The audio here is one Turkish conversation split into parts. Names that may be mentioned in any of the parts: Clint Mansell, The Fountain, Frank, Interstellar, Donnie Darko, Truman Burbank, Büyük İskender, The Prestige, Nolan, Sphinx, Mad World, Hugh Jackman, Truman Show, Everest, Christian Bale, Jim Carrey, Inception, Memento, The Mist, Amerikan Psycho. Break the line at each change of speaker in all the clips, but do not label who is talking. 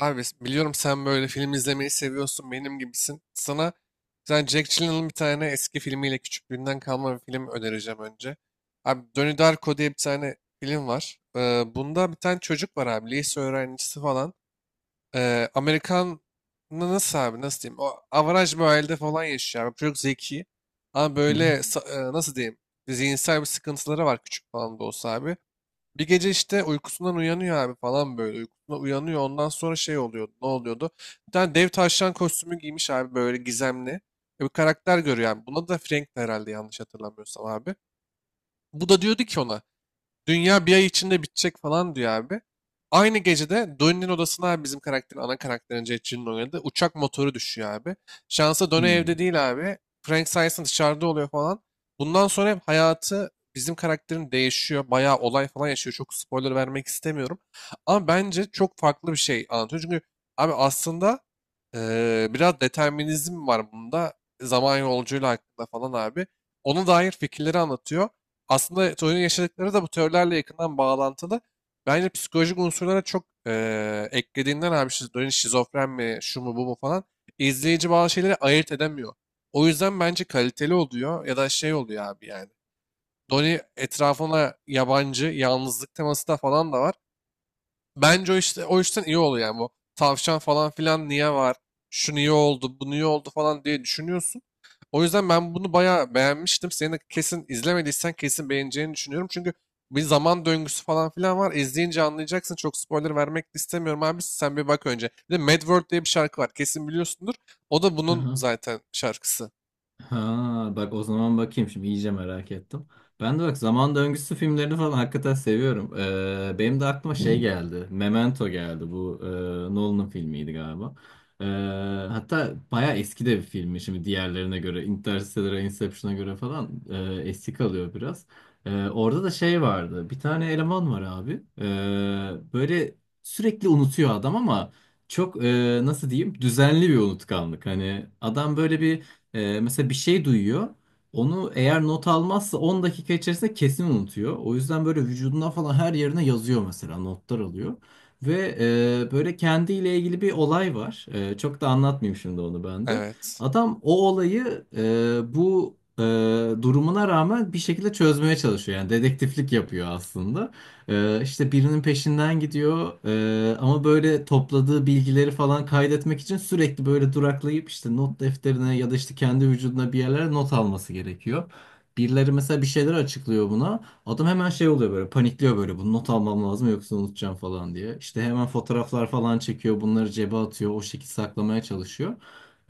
Abi biliyorum, sen böyle film izlemeyi seviyorsun, benim gibisin. Sana sen Jack Gyllenhaal'ın bir tane eski filmiyle küçüklüğünden kalma bir film önereceğim önce. Abi Donnie Darko diye bir tane film var. Bunda bir tane çocuk var abi, lise öğrencisi falan. Amerikan nasıl abi, nasıl diyeyim, o avaraj bir ailede falan yaşıyor abi. Çocuk zeki ama
Hı hı.
böyle nasıl diyeyim, zihinsel bir sıkıntıları var, küçük falan da olsa abi. Bir gece işte uykusundan uyanıyor abi falan böyle. Uykusundan uyanıyor. Ondan sonra şey oluyordu. Ne oluyordu? Bir tane dev tavşan kostümü giymiş abi, böyle gizemli. Bir karakter görüyor yani. Buna da Frank, herhalde yanlış hatırlamıyorsam abi. Bu da diyordu ki ona. Dünya bir ay içinde bitecek falan diyor abi. Aynı gecede Donnie'nin odasına abi, bizim karakterin, ana karakterin, Jetçi'nin oynadığı uçak motoru düşüyor abi. Şansa Donnie
Hı.
evde değil abi. Frank sayesinde dışarıda oluyor falan. Bundan sonra hep hayatı bizim karakterin değişiyor. Bayağı olay falan yaşıyor. Çok spoiler vermek istemiyorum. Ama bence çok farklı bir şey anlatıyor. Çünkü abi aslında biraz determinizm var bunda. Zaman yolculuğuyla hakkında falan abi. Ona dair fikirleri anlatıyor, aslında çocuğun yaşadıkları da bu teorilerle yakından bağlantılı. Bence psikolojik unsurlara çok eklediğinden abi şizofreni, şizofren mi, şu mu bu mu falan, izleyici bazı şeyleri ayırt edemiyor. O yüzden bence kaliteli oluyor ya da şey oluyor abi yani. Donnie etrafına yabancı, yalnızlık teması da falan da var. Bence o işte o işten iyi oluyor yani. Bu tavşan falan filan niye var? Şu niye oldu? Bu niye oldu falan diye düşünüyorsun. O yüzden ben bunu bayağı beğenmiştim. Senin de kesin izlemediysen kesin beğeneceğini düşünüyorum. Çünkü bir zaman döngüsü falan filan var. İzleyince anlayacaksın. Çok spoiler vermek de istemiyorum abi. Sen bir bak önce. Bir de Mad World diye bir şarkı var. Kesin biliyorsundur. O da bunun
Aha.
zaten şarkısı.
Ha, bak o zaman bakayım şimdi iyice merak ettim. Ben de bak zaman döngüsü filmlerini falan hakikaten seviyorum. Benim de aklıma şey geldi. Memento geldi. Bu Nolan'ın filmiydi galiba. Ee, Hatta bayağı eski de bir filmi şimdi diğerlerine göre. Interstellar'a, Inception'a göre falan eski kalıyor biraz. Orada da şey vardı. Bir tane eleman var abi. Böyle sürekli unutuyor adam ama çok nasıl diyeyim düzenli bir unutkanlık. Hani adam böyle bir mesela bir şey duyuyor. Onu eğer not almazsa 10 dakika içerisinde kesin unutuyor. O yüzden böyle vücuduna falan her yerine yazıyor mesela notlar alıyor. Ve böyle kendiyle ilgili bir olay var. E, çok da anlatmayayım şimdi onu ben de.
Evet.
Adam o olayı durumuna rağmen bir şekilde çözmeye çalışıyor. Yani dedektiflik yapıyor aslında. İşte birinin peşinden gidiyor. Ama böyle topladığı bilgileri falan kaydetmek için sürekli böyle duraklayıp işte not defterine ya da işte kendi vücuduna bir yerlere not alması gerekiyor. Birileri mesela bir şeyler açıklıyor buna. Adam hemen şey oluyor böyle panikliyor böyle bunu not almam lazım yoksa unutacağım falan diye. İşte hemen fotoğraflar falan çekiyor bunları cebe atıyor o şekilde saklamaya çalışıyor.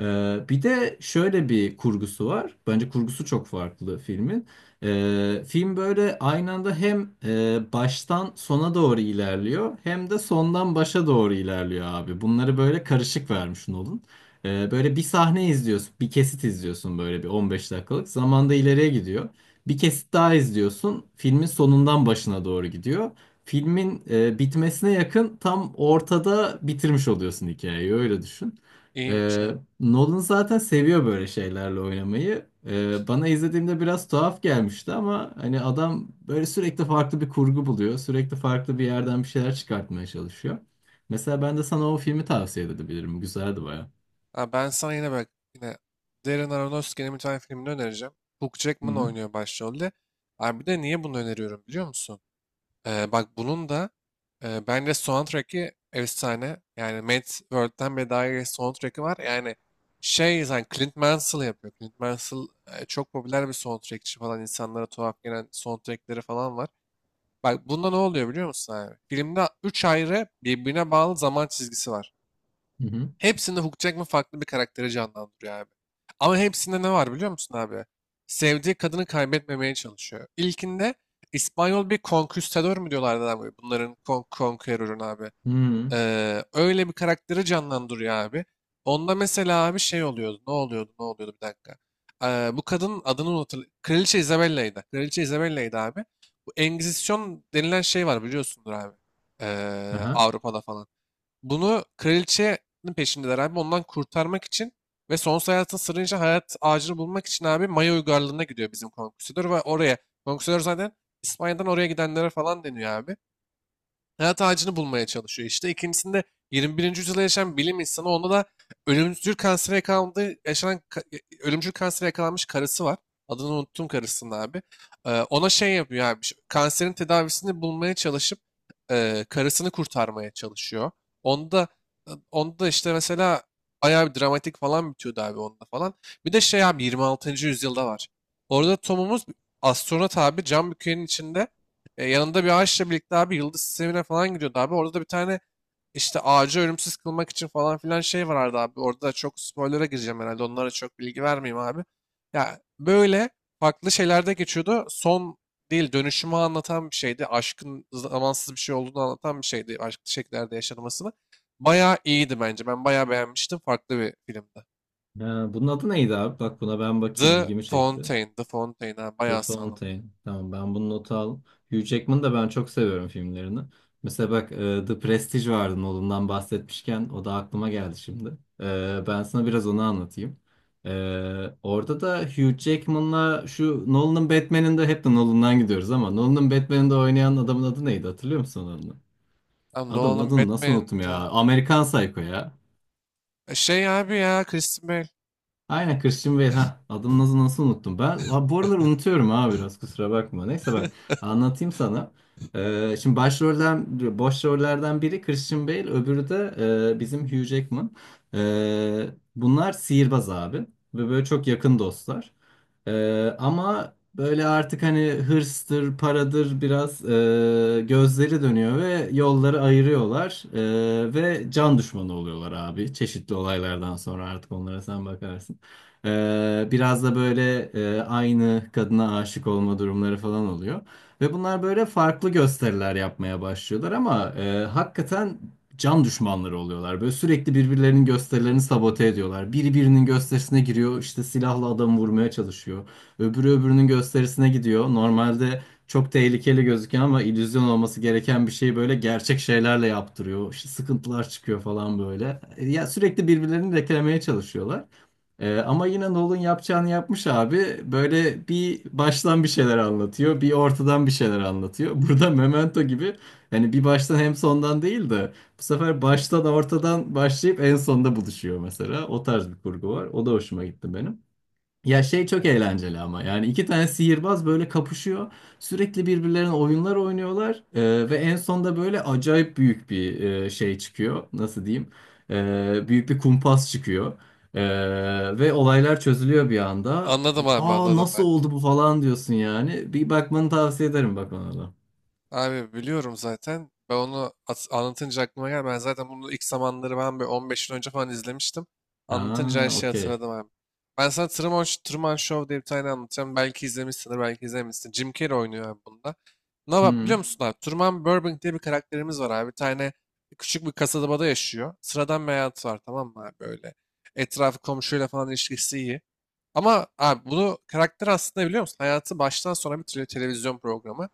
Bir de şöyle bir kurgusu var. Bence kurgusu çok farklı filmin. Film böyle aynı anda hem baştan sona doğru ilerliyor hem de sondan başa doğru ilerliyor abi. Bunları böyle karışık vermiş Nolan. Böyle bir sahne izliyorsun, bir kesit izliyorsun böyle bir 15 dakikalık. Zamanda ileriye gidiyor. Bir kesit daha izliyorsun. Filmin sonundan başına doğru gidiyor. Filmin bitmesine yakın tam ortada bitirmiş oluyorsun hikayeyi öyle düşün.
İyiymiş, aynen.
Nolan zaten seviyor böyle şeylerle oynamayı. Bana izlediğimde biraz tuhaf gelmişti ama hani adam böyle sürekli farklı bir kurgu buluyor. Sürekli farklı bir yerden bir şeyler çıkartmaya çalışıyor. Mesela ben de sana o filmi tavsiye edebilirim. Güzeldi baya.
Ha, ben sana yine bak, yine Darren Aronofsky'nin bir tane filmini önereceğim. Hugh
Hı
Jackman
hı.
oynuyor başrolde. Abi bir de niye bunu öneriyorum biliyor musun? Bak bunun da bence soundtrack'i efsane. Yani Mad World'den bile daha iyi soundtrack'i var. Yani şey, zaten Clint Mansell yapıyor. Clint Mansell çok popüler bir soundtrackçi falan. İnsanlara tuhaf gelen soundtrackleri falan var. Bak bunda ne oluyor biliyor musun abi? Filmde 3 ayrı birbirine bağlı zaman çizgisi var.
Hı hı.
Hepsinde Hugh Jackman farklı bir karakteri canlandırıyor abi. Ama hepsinde ne var biliyor musun abi? Sevdiği kadını kaybetmemeye çalışıyor. İlkinde İspanyol bir konküstador mu diyorlardı abi? Bunların konqueror'un abi.
Hı.
Öyle bir karakteri canlandırıyor abi. Onda mesela abi şey oluyordu. Ne oluyordu? Ne oluyordu? Bir dakika. Bu kadının adını unutur. Kraliçe Isabella'ydı. Kraliçe Isabella'ydı abi. Bu Engizisyon denilen şey var, biliyorsundur abi.
Aha.
Avrupa'da falan. Bunu, kraliçenin peşindeler abi. Ondan kurtarmak için ve sonsuz hayatın sırrınca hayat ağacını bulmak için abi Maya uygarlığına gidiyor bizim konküsör ve oraya. Konküsör zaten İspanya'dan oraya gidenlere falan deniyor abi, hayat ağacını bulmaya çalışıyor işte. İkincisinde 21. yüzyılda yaşayan bilim insanı, onda da ölümcül kansere yakalandığı yaşanan ka- e, ölümcül kansere yakalanmış karısı var. Adını unuttum karısının abi. Ona şey yapıyor abi. Kanserin tedavisini bulmaya çalışıp karısını kurtarmaya çalışıyor. Onda, işte mesela bayağı bir dramatik falan bitiyordu abi onda falan. Bir de şey abi, 26. yüzyılda var. Orada Tom'umuz astronot abi, cam bükenin içinde yanında bir ağaçla birlikte abi yıldız sistemine falan gidiyordu abi. Orada da bir tane işte ağacı ölümsüz kılmak için falan filan şey vardı abi. Orada da çok spoiler'a gireceğim herhalde. Onlara çok bilgi vermeyeyim abi. Ya böyle farklı şeylerde geçiyordu. Son değil, dönüşümü anlatan bir şeydi. Aşkın zamansız bir şey olduğunu anlatan bir şeydi. Aşklı şekillerde yaşanmasını. Bayağı iyiydi bence. Ben bayağı beğenmiştim. Farklı bir filmdi.
Ha, bunun adı neydi abi? Bak buna ben bakayım
The
ilgimi çekti.
Fountain. The Fountain, ha.
The
Bayağı sağlam.
Fountain. Tamam ben bunu nota al. Hugh Jackman'ı da ben çok seviyorum filmlerini. Mesela bak The Prestige vardı Nolan'dan bahsetmişken o da aklıma geldi şimdi. E, ben sana biraz onu anlatayım. E, orada da Hugh Jackman'la şu Nolan'ın Batman'inde hep de Nolan'dan gidiyoruz ama Nolan'ın Batman'inde oynayan adamın adı neydi hatırlıyor musun onu?
Lan
Adamın
Nolan'ın
adını nasıl unuttum ya?
Batman'di.
Amerikan Psycho ya.
Şey abi ya, Christian Bale.
Aynen Christian Bale ha adını nasıl unuttum ben ha, bu aralar unutuyorum ha biraz kusura bakma neyse bak
Evet.
anlatayım sana. Şimdi boş rollerden biri Christian Bale öbürü de bizim Hugh Jackman. Ee, Bunlar sihirbaz abi ve böyle çok yakın dostlar. Ama böyle artık hani hırstır paradır biraz gözleri dönüyor ve yolları ayırıyorlar. E, ve can düşmanı oluyorlar abi çeşitli olaylardan sonra artık onlara sen bakarsın. Biraz da böyle aynı kadına aşık olma durumları falan oluyor. Ve bunlar böyle farklı gösteriler yapmaya başlıyorlar ama hakikaten can düşmanları oluyorlar. Böyle sürekli birbirlerinin gösterilerini sabote ediyorlar. Biri birinin gösterisine giriyor, işte silahla adamı vurmaya çalışıyor. Öbürü öbürünün gösterisine gidiyor. Normalde çok tehlikeli gözüküyor ama illüzyon olması gereken bir şeyi böyle gerçek şeylerle yaptırıyor. İşte sıkıntılar çıkıyor falan böyle. E, ya sürekli birbirlerini reklameye çalışıyorlar. Ama yine Nolan yapacağını yapmış abi. Böyle bir baştan bir şeyler anlatıyor, bir ortadan bir şeyler anlatıyor. Burada Memento gibi hani bir baştan hem sondan değil de bu sefer baştan ortadan başlayıp en sonda buluşuyor mesela. O tarz bir kurgu var. O da hoşuma gitti benim. Ya şey çok eğlenceli ama yani iki tane sihirbaz böyle kapışıyor. Sürekli birbirlerine oyunlar oynuyorlar. Ve en sonda böyle acayip büyük bir şey çıkıyor. Nasıl diyeyim? Büyük bir kumpas çıkıyor. Ve olaylar çözülüyor bir anda.
Anladım abi,
Aa
anladım
nasıl
ben.
oldu bu falan diyorsun yani. Bir bakmanı tavsiye ederim bak ona da.
Abi biliyorum zaten. Ben onu anlatınca aklıma geldi. Ben zaten bunu ilk zamanları, ben bir 15 yıl önce falan izlemiştim. Anlatınca her
Aa
şeyi
okey.
hatırladım abi. Ben sana Truman, Truman Show diye bir tane anlatacağım. Belki izlemişsindir, belki izlememişsin. Jim Carrey oynuyor abi bunda. Ne var biliyor
Hı
musun abi? Truman Burbank diye bir karakterimiz var abi. Bir tane küçük bir kasabada yaşıyor. Sıradan bir hayatı var, tamam mı abi, böyle. Etrafı komşuyla falan ilişkisi iyi. Ama abi bunu karakter aslında biliyor musun? Hayatı baştan sona bir televizyon programı.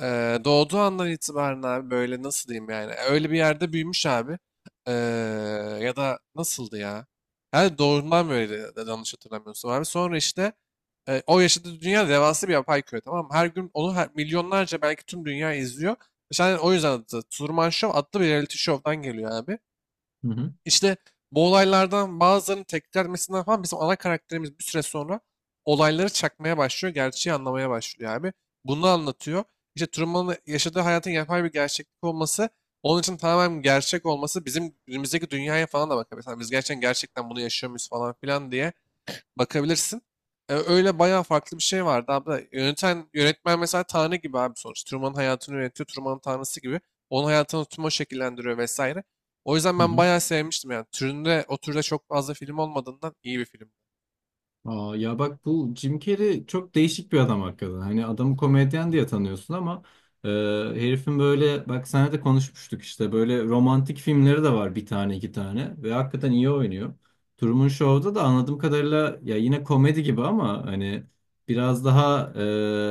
Doğduğu andan itibaren abi böyle nasıl diyeyim yani öyle bir yerde büyümüş abi. Eee, Ya da nasıldı ya, her doğduğundan böyle yanlış hatırlamıyorsun abi, sonra işte o yaşadığı dünya devasa bir yapay köy, tamam mı? Her gün onu her, milyonlarca, belki tüm dünya izliyor işte. Hani o yüzden adı Truman Show, adlı bir reality show'dan geliyor abi.
hı hı.
İşte bu olaylardan bazılarının tekrarmesinden falan bizim ana karakterimiz bir süre sonra olayları çakmaya başlıyor, gerçeği anlamaya başlıyor abi. Bunu anlatıyor. İşte Truman'ın yaşadığı hayatın yapay bir gerçeklik olması, onun için tamamen gerçek olması bizim günümüzdeki dünyaya falan da bakıyor. Mesela biz gerçekten gerçekten bunu yaşıyor muyuz falan filan diye bakabilirsin. Öyle bayağı farklı bir şey vardı abi. Yöneten, yönetmen mesela Tanrı gibi abi sonuç. Truman'ın hayatını yönetiyor. Truman'ın Tanrısı gibi. Onun hayatını Truman şekillendiriyor vesaire. O yüzden ben
Hı.
bayağı sevmiştim yani. Türünde, o türde çok fazla film olmadığından iyi bir film.
Aa, ya bak bu Jim Carrey çok değişik bir adam hakikaten. Hani adamı komedyen diye tanıyorsun ama e, herifin böyle bak senle de konuşmuştuk işte böyle romantik filmleri de var bir tane iki tane ve hakikaten iyi oynuyor. Truman Show'da da anladığım kadarıyla ya yine komedi gibi ama hani biraz daha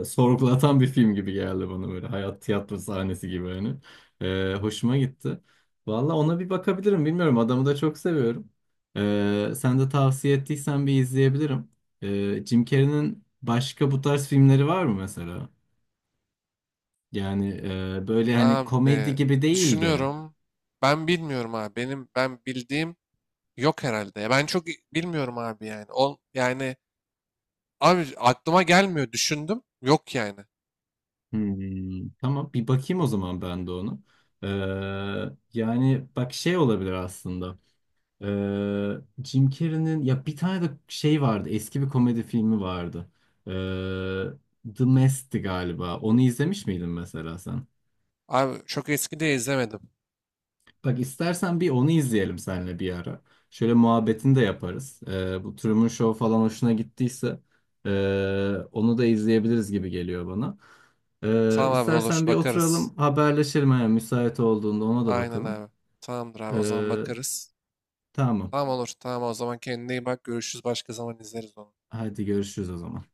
sorgulatan bir film gibi geldi bana böyle hayat tiyatro sahnesi gibi hani. E, hoşuma gitti. Valla ona bir bakabilirim bilmiyorum adamı da çok seviyorum. Sen de tavsiye ettiysen bir izleyebilirim. Jim Carrey'nin başka bu tarz filmleri var mı mesela? Yani böyle hani komedi
Abi
gibi değil de.
düşünüyorum. Ben bilmiyorum abi. Benim ben bildiğim yok herhalde. Ya ben çok bilmiyorum abi yani. Ol yani abi aklıma gelmiyor. Düşündüm. Yok yani.
Hmm, tamam bir bakayım o zaman ben de onu. Ee, Yani bak şey olabilir aslında. Jim Carrey'nin ya bir tane de şey vardı. Eski bir komedi filmi vardı. The Mist'ti galiba. Onu izlemiş miydin mesela sen?
Abi çok eski de izlemedim.
Bak istersen bir onu izleyelim seninle bir ara. Şöyle muhabbetini de yaparız. Bu Truman Show falan hoşuna gittiyse ee, onu da izleyebiliriz gibi geliyor bana.
Tamam abi olur,
İstersen bir
bakarız.
oturalım haberleşelim eğer müsait olduğunda ona da
Aynen
bakalım.
abi. Tamamdır abi, o zaman
Ee,
bakarız.
tamam.
Tamam olur, tamam, o zaman kendine iyi bak, görüşürüz, başka zaman izleriz onu.
Hadi görüşürüz o zaman.